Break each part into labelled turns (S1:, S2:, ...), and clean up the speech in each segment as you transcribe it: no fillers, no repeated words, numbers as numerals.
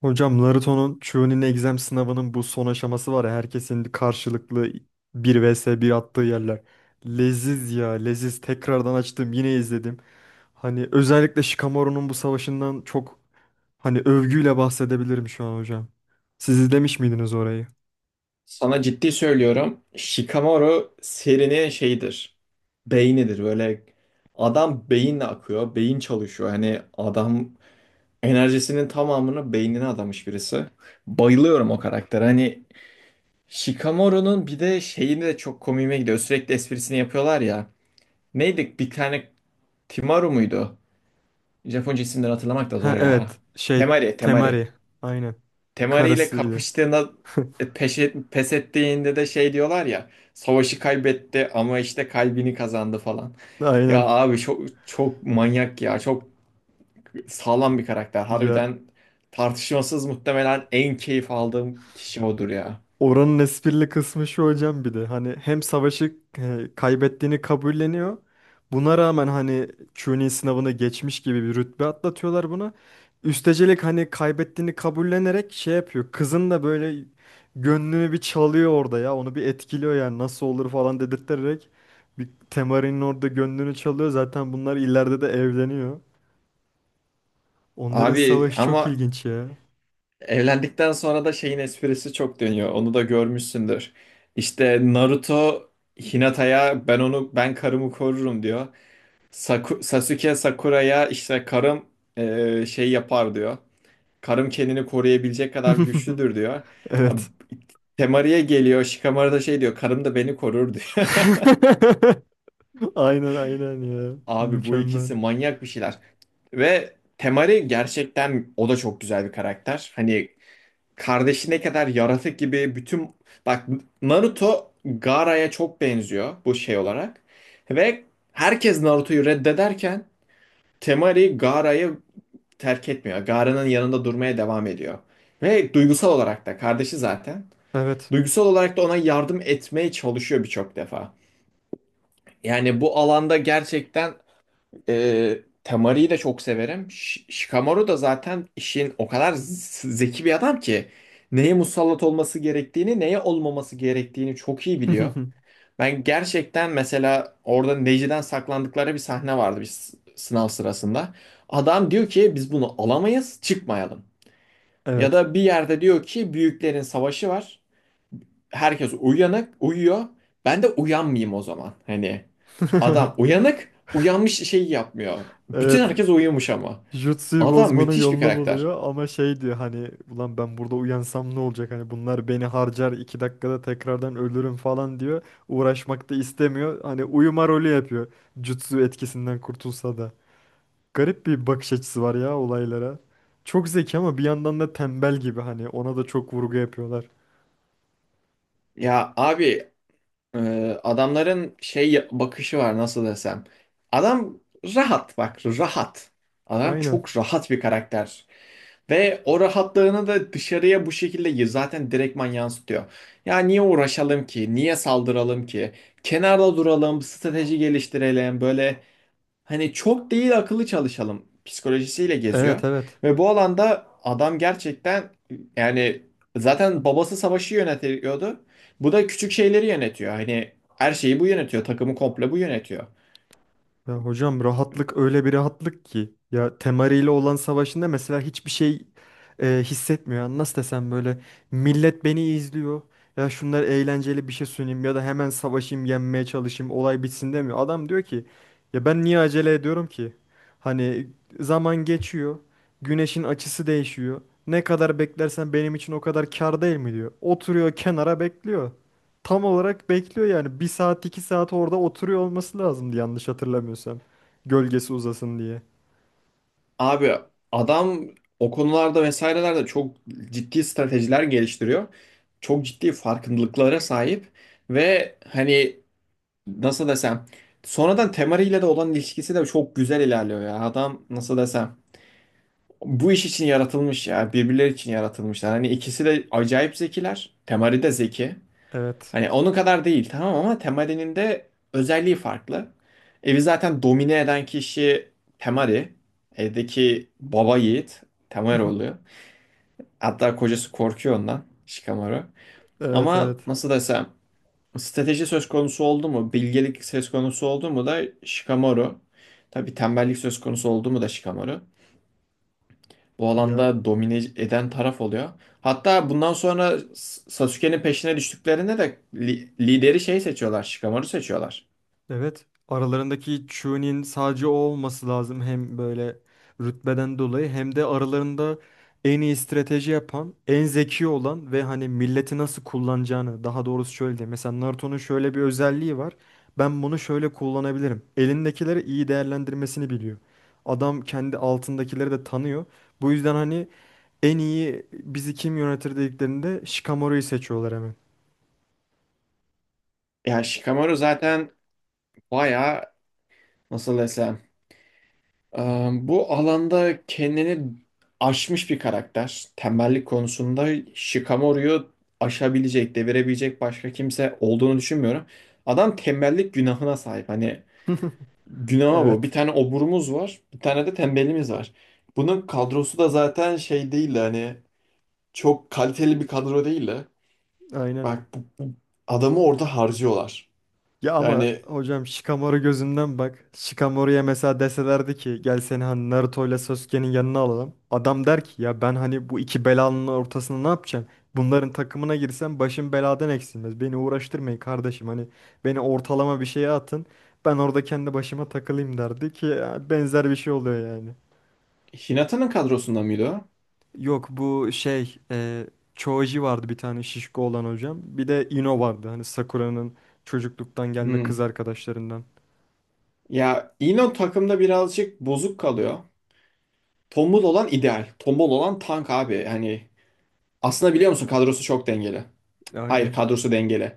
S1: Hocam Naruto'nun Chunin Exam sınavının bu son aşaması var ya, herkesin karşılıklı bir vs bir attığı yerler. Leziz ya, leziz, tekrardan açtım yine izledim. Hani özellikle Shikamaru'nun bu savaşından çok hani övgüyle bahsedebilirim şu an hocam. Siz izlemiş miydiniz orayı?
S2: Sana ciddi söylüyorum. Shikamaru serinin şeyidir. Beynidir. Böyle adam beyinle akıyor. Beyin çalışıyor. Hani adam enerjisinin tamamını beynine adamış birisi. Bayılıyorum o karaktere. Hani Shikamaru'nun bir de şeyini de çok komiğime gidiyor. Sürekli esprisini yapıyorlar ya. Neydi? Bir tane Timaru muydu? Japonca isimleri hatırlamak da
S1: Ha
S2: zor ya.
S1: evet, şey,
S2: Temari, Temari.
S1: Temari, aynen,
S2: Temari ile
S1: karısıydı.
S2: kapıştığında pes ettiğinde de şey diyorlar ya savaşı kaybetti ama işte kalbini kazandı falan. Ya
S1: Aynen.
S2: abi çok manyak ya çok sağlam bir karakter
S1: Ya,
S2: harbiden tartışmasız muhtemelen en keyif aldığım kişi odur ya.
S1: oranın esprili kısmı şu hocam, bir de hani hem savaşı kaybettiğini kabulleniyor. Buna rağmen hani Chunin sınavını geçmiş gibi bir rütbe atlatıyorlar buna. Üstecelik hani kaybettiğini kabullenerek şey yapıyor. Kızın da böyle gönlünü bir çalıyor orada ya. Onu bir etkiliyor yani, nasıl olur falan dedirterek. Bir Temari'nin orada gönlünü çalıyor. Zaten bunlar ileride de evleniyor. Onların
S2: Abi
S1: savaşı çok
S2: ama
S1: ilginç ya.
S2: evlendikten sonra da şeyin esprisi çok dönüyor onu da görmüşsündür. İşte Naruto Hinata'ya ben onu ben karımı korurum diyor. Sasuke Sakura'ya işte karım şey yapar diyor. Karım kendini koruyabilecek kadar güçlüdür diyor. Ab-
S1: Evet.
S2: Temari'ye geliyor. Shikamaru da şey diyor. Karım da beni korur diyor.
S1: Aynen aynen ya.
S2: Abi bu
S1: Mükemmel.
S2: ikisi manyak bir şeyler. Ve Temari gerçekten o da çok güzel bir karakter. Hani kardeşi ne kadar yaratık gibi bütün... Bak Naruto Gaara'ya çok benziyor bu şey olarak. Ve herkes Naruto'yu reddederken Temari Gaara'yı terk etmiyor. Gara'nın yanında durmaya devam ediyor. Ve duygusal olarak da kardeşi zaten.
S1: Evet.
S2: Duygusal olarak da ona yardım etmeye çalışıyor birçok defa. Yani bu alanda gerçekten e, Temari'yi de çok severim. Shikamaru da zaten işin o kadar zeki bir adam ki neye musallat olması gerektiğini, neye olmaması gerektiğini çok iyi biliyor. Ben gerçekten mesela orada Neji'den saklandıkları bir sahne vardı bir sınav sırasında. Adam diyor ki biz bunu alamayız, çıkmayalım. Ya
S1: Evet.
S2: da bir yerde diyor ki büyüklerin savaşı var. Herkes uyanık, uyuyor. Ben de uyanmayayım o zaman. Hani adam uyanık, uyanmış şeyi yapmıyor. Bütün
S1: Evet.
S2: herkes uyumuş ama.
S1: Jutsu'yu
S2: Adam
S1: bozmanın
S2: müthiş bir
S1: yolunu
S2: karakter.
S1: buluyor ama şey diyor, hani ulan ben burada uyansam ne olacak, hani bunlar beni harcar 2 dakikada, tekrardan ölürüm falan diyor. Uğraşmak da istemiyor. Hani uyuma rolü yapıyor. Jutsu etkisinden kurtulsa da. Garip bir bakış açısı var ya olaylara. Çok zeki ama bir yandan da tembel gibi, hani ona da çok vurgu yapıyorlar.
S2: Ya abi e, adamların şey bakışı var nasıl desem. Adam rahat bak rahat. Adam
S1: Aynen.
S2: çok rahat bir karakter. Ve o rahatlığını da dışarıya bu şekilde zaten direktman yansıtıyor. Ya niye uğraşalım ki? Niye saldıralım ki? Kenarda duralım, strateji geliştirelim. Böyle hani çok değil akıllı çalışalım psikolojisiyle geziyor.
S1: Evet evet.
S2: Ve bu alanda adam gerçekten yani zaten babası savaşı yönetiyordu. Bu da küçük şeyleri yönetiyor. Hani her şeyi bu yönetiyor. Takımı komple bu yönetiyor.
S1: Ya hocam, rahatlık öyle bir rahatlık ki. Ya Temari ile olan savaşında mesela hiçbir şey hissetmiyor. Yani nasıl desem, böyle millet beni izliyor. Ya şunlar, eğlenceli bir şey sunayım ya da hemen savaşayım, yenmeye çalışayım, olay bitsin demiyor. Adam diyor ki ya ben niye acele ediyorum ki? Hani zaman geçiyor. Güneşin açısı değişiyor. Ne kadar beklersen benim için o kadar kâr değil mi diyor. Oturuyor kenara, bekliyor, tam olarak bekliyor yani. Bir saat iki saat orada oturuyor olması lazımdı yanlış hatırlamıyorsam. Gölgesi uzasın diye.
S2: Abi adam o konularda vesairelerde çok ciddi stratejiler geliştiriyor. Çok ciddi farkındalıklara sahip ve hani nasıl desem sonradan Temari ile de olan ilişkisi de çok güzel ilerliyor ya. Adam nasıl desem bu iş için yaratılmış ya birbirleri için yaratılmışlar. Hani ikisi de acayip zekiler. Temari de zeki.
S1: Evet.
S2: Hani onun kadar değil tamam ama Temari'nin de özelliği farklı. Evi zaten domine eden kişi Temari. Evdeki baba yiğit Temari oluyor. Hatta kocası korkuyor ondan Shikamaru.
S1: Evet
S2: Ama
S1: evet.
S2: nasıl desem strateji söz konusu oldu mu, bilgelik söz konusu oldu mu da Shikamaru. Tabii tembellik söz konusu oldu mu da Shikamaru. Bu
S1: Ya,
S2: alanda domine eden taraf oluyor. Hatta bundan sonra Sasuke'nin peşine düştüklerinde de lideri şey seçiyorlar, Shikamaru seçiyorlar.
S1: evet. Aralarındaki Chu'nin sadece o olması lazım. Hem böyle rütbeden dolayı hem de aralarında en iyi strateji yapan, en zeki olan ve hani milleti nasıl kullanacağını, daha doğrusu şöyle diyeyim. Mesela Naruto'nun şöyle bir özelliği var. Ben bunu şöyle kullanabilirim. Elindekileri iyi değerlendirmesini biliyor. Adam kendi altındakileri de tanıyor. Bu yüzden hani en iyi bizi kim yönetir dediklerinde Shikamaru'yu seçiyorlar hemen.
S2: Ya Shikamaru zaten bayağı nasıl desem e, bu alanda kendini aşmış bir karakter. Tembellik konusunda Shikamaru'yu aşabilecek, devirebilecek başka kimse olduğunu düşünmüyorum. Adam tembellik günahına sahip. Hani günahı bu. Bir
S1: Evet.
S2: tane oburumuz var, bir tane de tembelimiz var. Bunun kadrosu da zaten şey değil de hani çok kaliteli bir kadro değil de.
S1: Aynen.
S2: Bak bu adamı orada harcıyorlar.
S1: Ya ama
S2: Yani
S1: hocam Shikamaru gözünden bak. Shikamaru'ya mesela deselerdi ki gel seni hani Naruto ile Sasuke'nin yanına alalım, adam der ki ya ben hani bu iki belanın ortasında ne yapacağım? Bunların takımına girsem başım beladan eksilmez. Beni uğraştırmayın kardeşim, hani beni ortalama bir şeye atın. Ben orada kendi başıma takılayım derdi ki, ya benzer bir şey oluyor yani.
S2: Hinata'nın kadrosunda mıydı o?
S1: Yok, bu şey, Choji vardı bir tane, şişko olan hocam. Bir de Ino vardı hani, Sakura'nın çocukluktan gelme kız
S2: Hmm.
S1: arkadaşlarından.
S2: Ya Eno takımda birazcık bozuk kalıyor. Tombul olan ideal. Tombul olan tank abi. Hani aslında biliyor musun kadrosu çok dengeli. Hayır
S1: Aynen.
S2: kadrosu dengeli.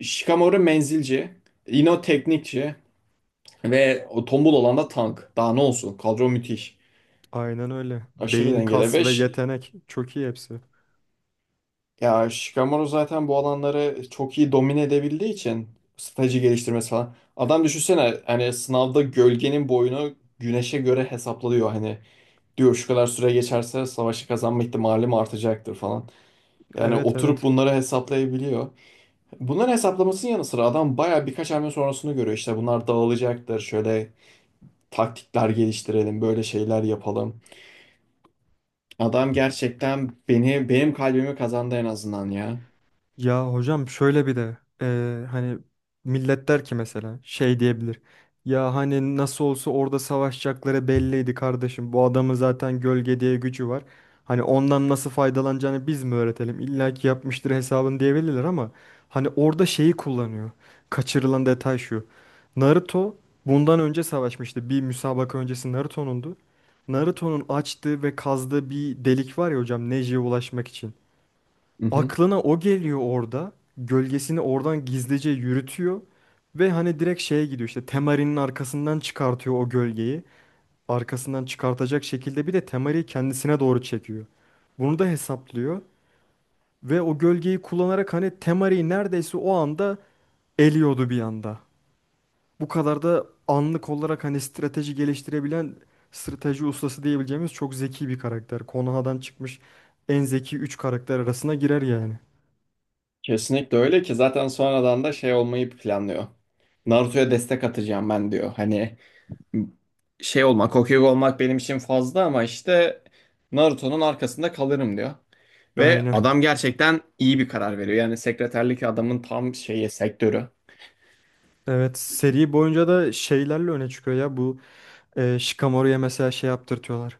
S2: Shikamaru menzilci. Ino teknikçi. Ve o tombul olan da tank. Daha ne olsun? Kadro müthiş.
S1: Aynen öyle.
S2: Aşırı
S1: Beyin,
S2: dengeli.
S1: kas ve yetenek. Çok iyi hepsi.
S2: Ya Shikamaru zaten bu alanları çok iyi domine edebildiği için strateji geliştirmesi falan. Adam düşünsene hani sınavda gölgenin boyunu güneşe göre hesaplıyor hani. Diyor şu kadar süre geçerse savaşı kazanma ihtimalim artacaktır falan. Yani
S1: Evet
S2: oturup
S1: evet.
S2: bunları hesaplayabiliyor. Bunların hesaplamasının yanı sıra adam baya birkaç hamle sonrasını görüyor. İşte bunlar dağılacaktır. Şöyle taktikler geliştirelim, böyle şeyler yapalım. Adam gerçekten benim kalbimi kazandı en azından ya.
S1: Ya hocam, şöyle bir de hani millet der ki mesela, şey diyebilir. Ya hani nasıl olsa orada savaşacakları belliydi kardeşim. Bu adamın zaten gölge diye gücü var. Hani ondan nasıl faydalanacağını biz mi öğretelim? İlla ki yapmıştır hesabını diyebilirler ama hani orada şeyi kullanıyor. Kaçırılan detay şu. Naruto bundan önce savaşmıştı. Bir müsabaka öncesi Naruto'nundu. Naruto'nun açtığı ve kazdığı bir delik var ya hocam, Neji'ye ulaşmak için
S2: Hı hı.
S1: aklına o geliyor orada. Gölgesini oradan gizlice yürütüyor. Ve hani direkt şeye gidiyor, işte Temari'nin arkasından çıkartıyor o gölgeyi. Arkasından çıkartacak şekilde bir de Temari'yi kendisine doğru çekiyor. Bunu da hesaplıyor. Ve o gölgeyi kullanarak hani Temari'yi neredeyse o anda eliyordu bir anda. Bu kadar da anlık olarak hani strateji geliştirebilen, strateji ustası diyebileceğimiz çok zeki bir karakter. Konoha'dan çıkmış en zeki 3 karakter arasına girer yani.
S2: Kesinlikle öyle ki zaten sonradan da şey olmayı planlıyor. Naruto'ya destek atacağım ben diyor. Hani şey olmak, Hokage olmak benim için fazla ama işte Naruto'nun arkasında kalırım diyor. Ve
S1: Aynen.
S2: adam gerçekten iyi bir karar veriyor. Yani sekreterlik adamın tam şeyi sektörü.
S1: Evet, seri boyunca da şeylerle öne çıkıyor ya bu, Shikamaru'ya mesela şey yaptırtıyorlar.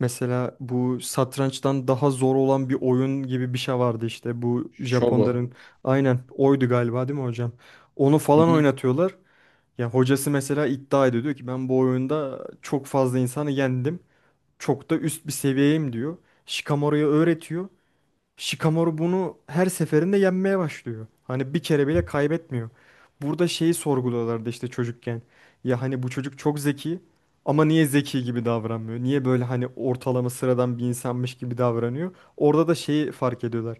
S1: Mesela bu satrançtan daha zor olan bir oyun gibi bir şey vardı işte, bu
S2: Shogu.
S1: Japonların, aynen oydu galiba değil mi hocam? Onu
S2: Hı
S1: falan
S2: hı.
S1: oynatıyorlar. Ya hocası mesela iddia ediyor, diyor ki ben bu oyunda çok fazla insanı yendim. Çok da üst bir seviyeyim diyor. Shikamaru'ya öğretiyor. Shikamaru bunu her seferinde yenmeye başlıyor. Hani bir kere bile kaybetmiyor. Burada şeyi sorguluyorlardı işte çocukken. Ya hani bu çocuk çok zeki ama niye zeki gibi davranmıyor? Niye böyle hani ortalama sıradan bir insanmış gibi davranıyor? Orada da şeyi fark ediyorlar.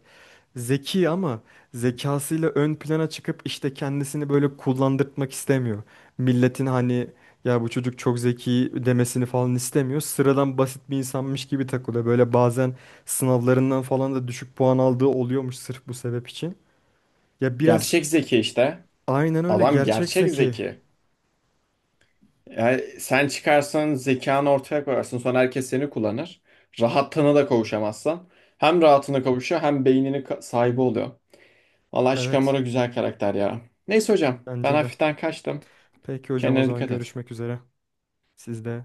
S1: Zeki ama zekasıyla ön plana çıkıp işte kendisini böyle kullandırtmak istemiyor. Milletin hani ya bu çocuk çok zeki demesini falan istemiyor. Sıradan basit bir insanmış gibi takılıyor. Böyle bazen sınavlarından falan da düşük puan aldığı oluyormuş sırf bu sebep için. Ya biraz,
S2: Gerçek zeki işte.
S1: aynen öyle,
S2: Adam
S1: gerçek
S2: gerçek
S1: zeki.
S2: zeki. Yani sen çıkarsan zekanı ortaya koyarsın. Sonra herkes seni kullanır. Rahatlığına da kavuşamazsan. Hem rahatına kavuşuyor hem beynini sahibi oluyor. Vallahi
S1: Evet,
S2: Shikamaru güzel karakter ya. Neyse hocam ben
S1: bence de.
S2: hafiften kaçtım.
S1: Peki hocam, o
S2: Kendine
S1: zaman
S2: dikkat et.
S1: görüşmek üzere. Siz de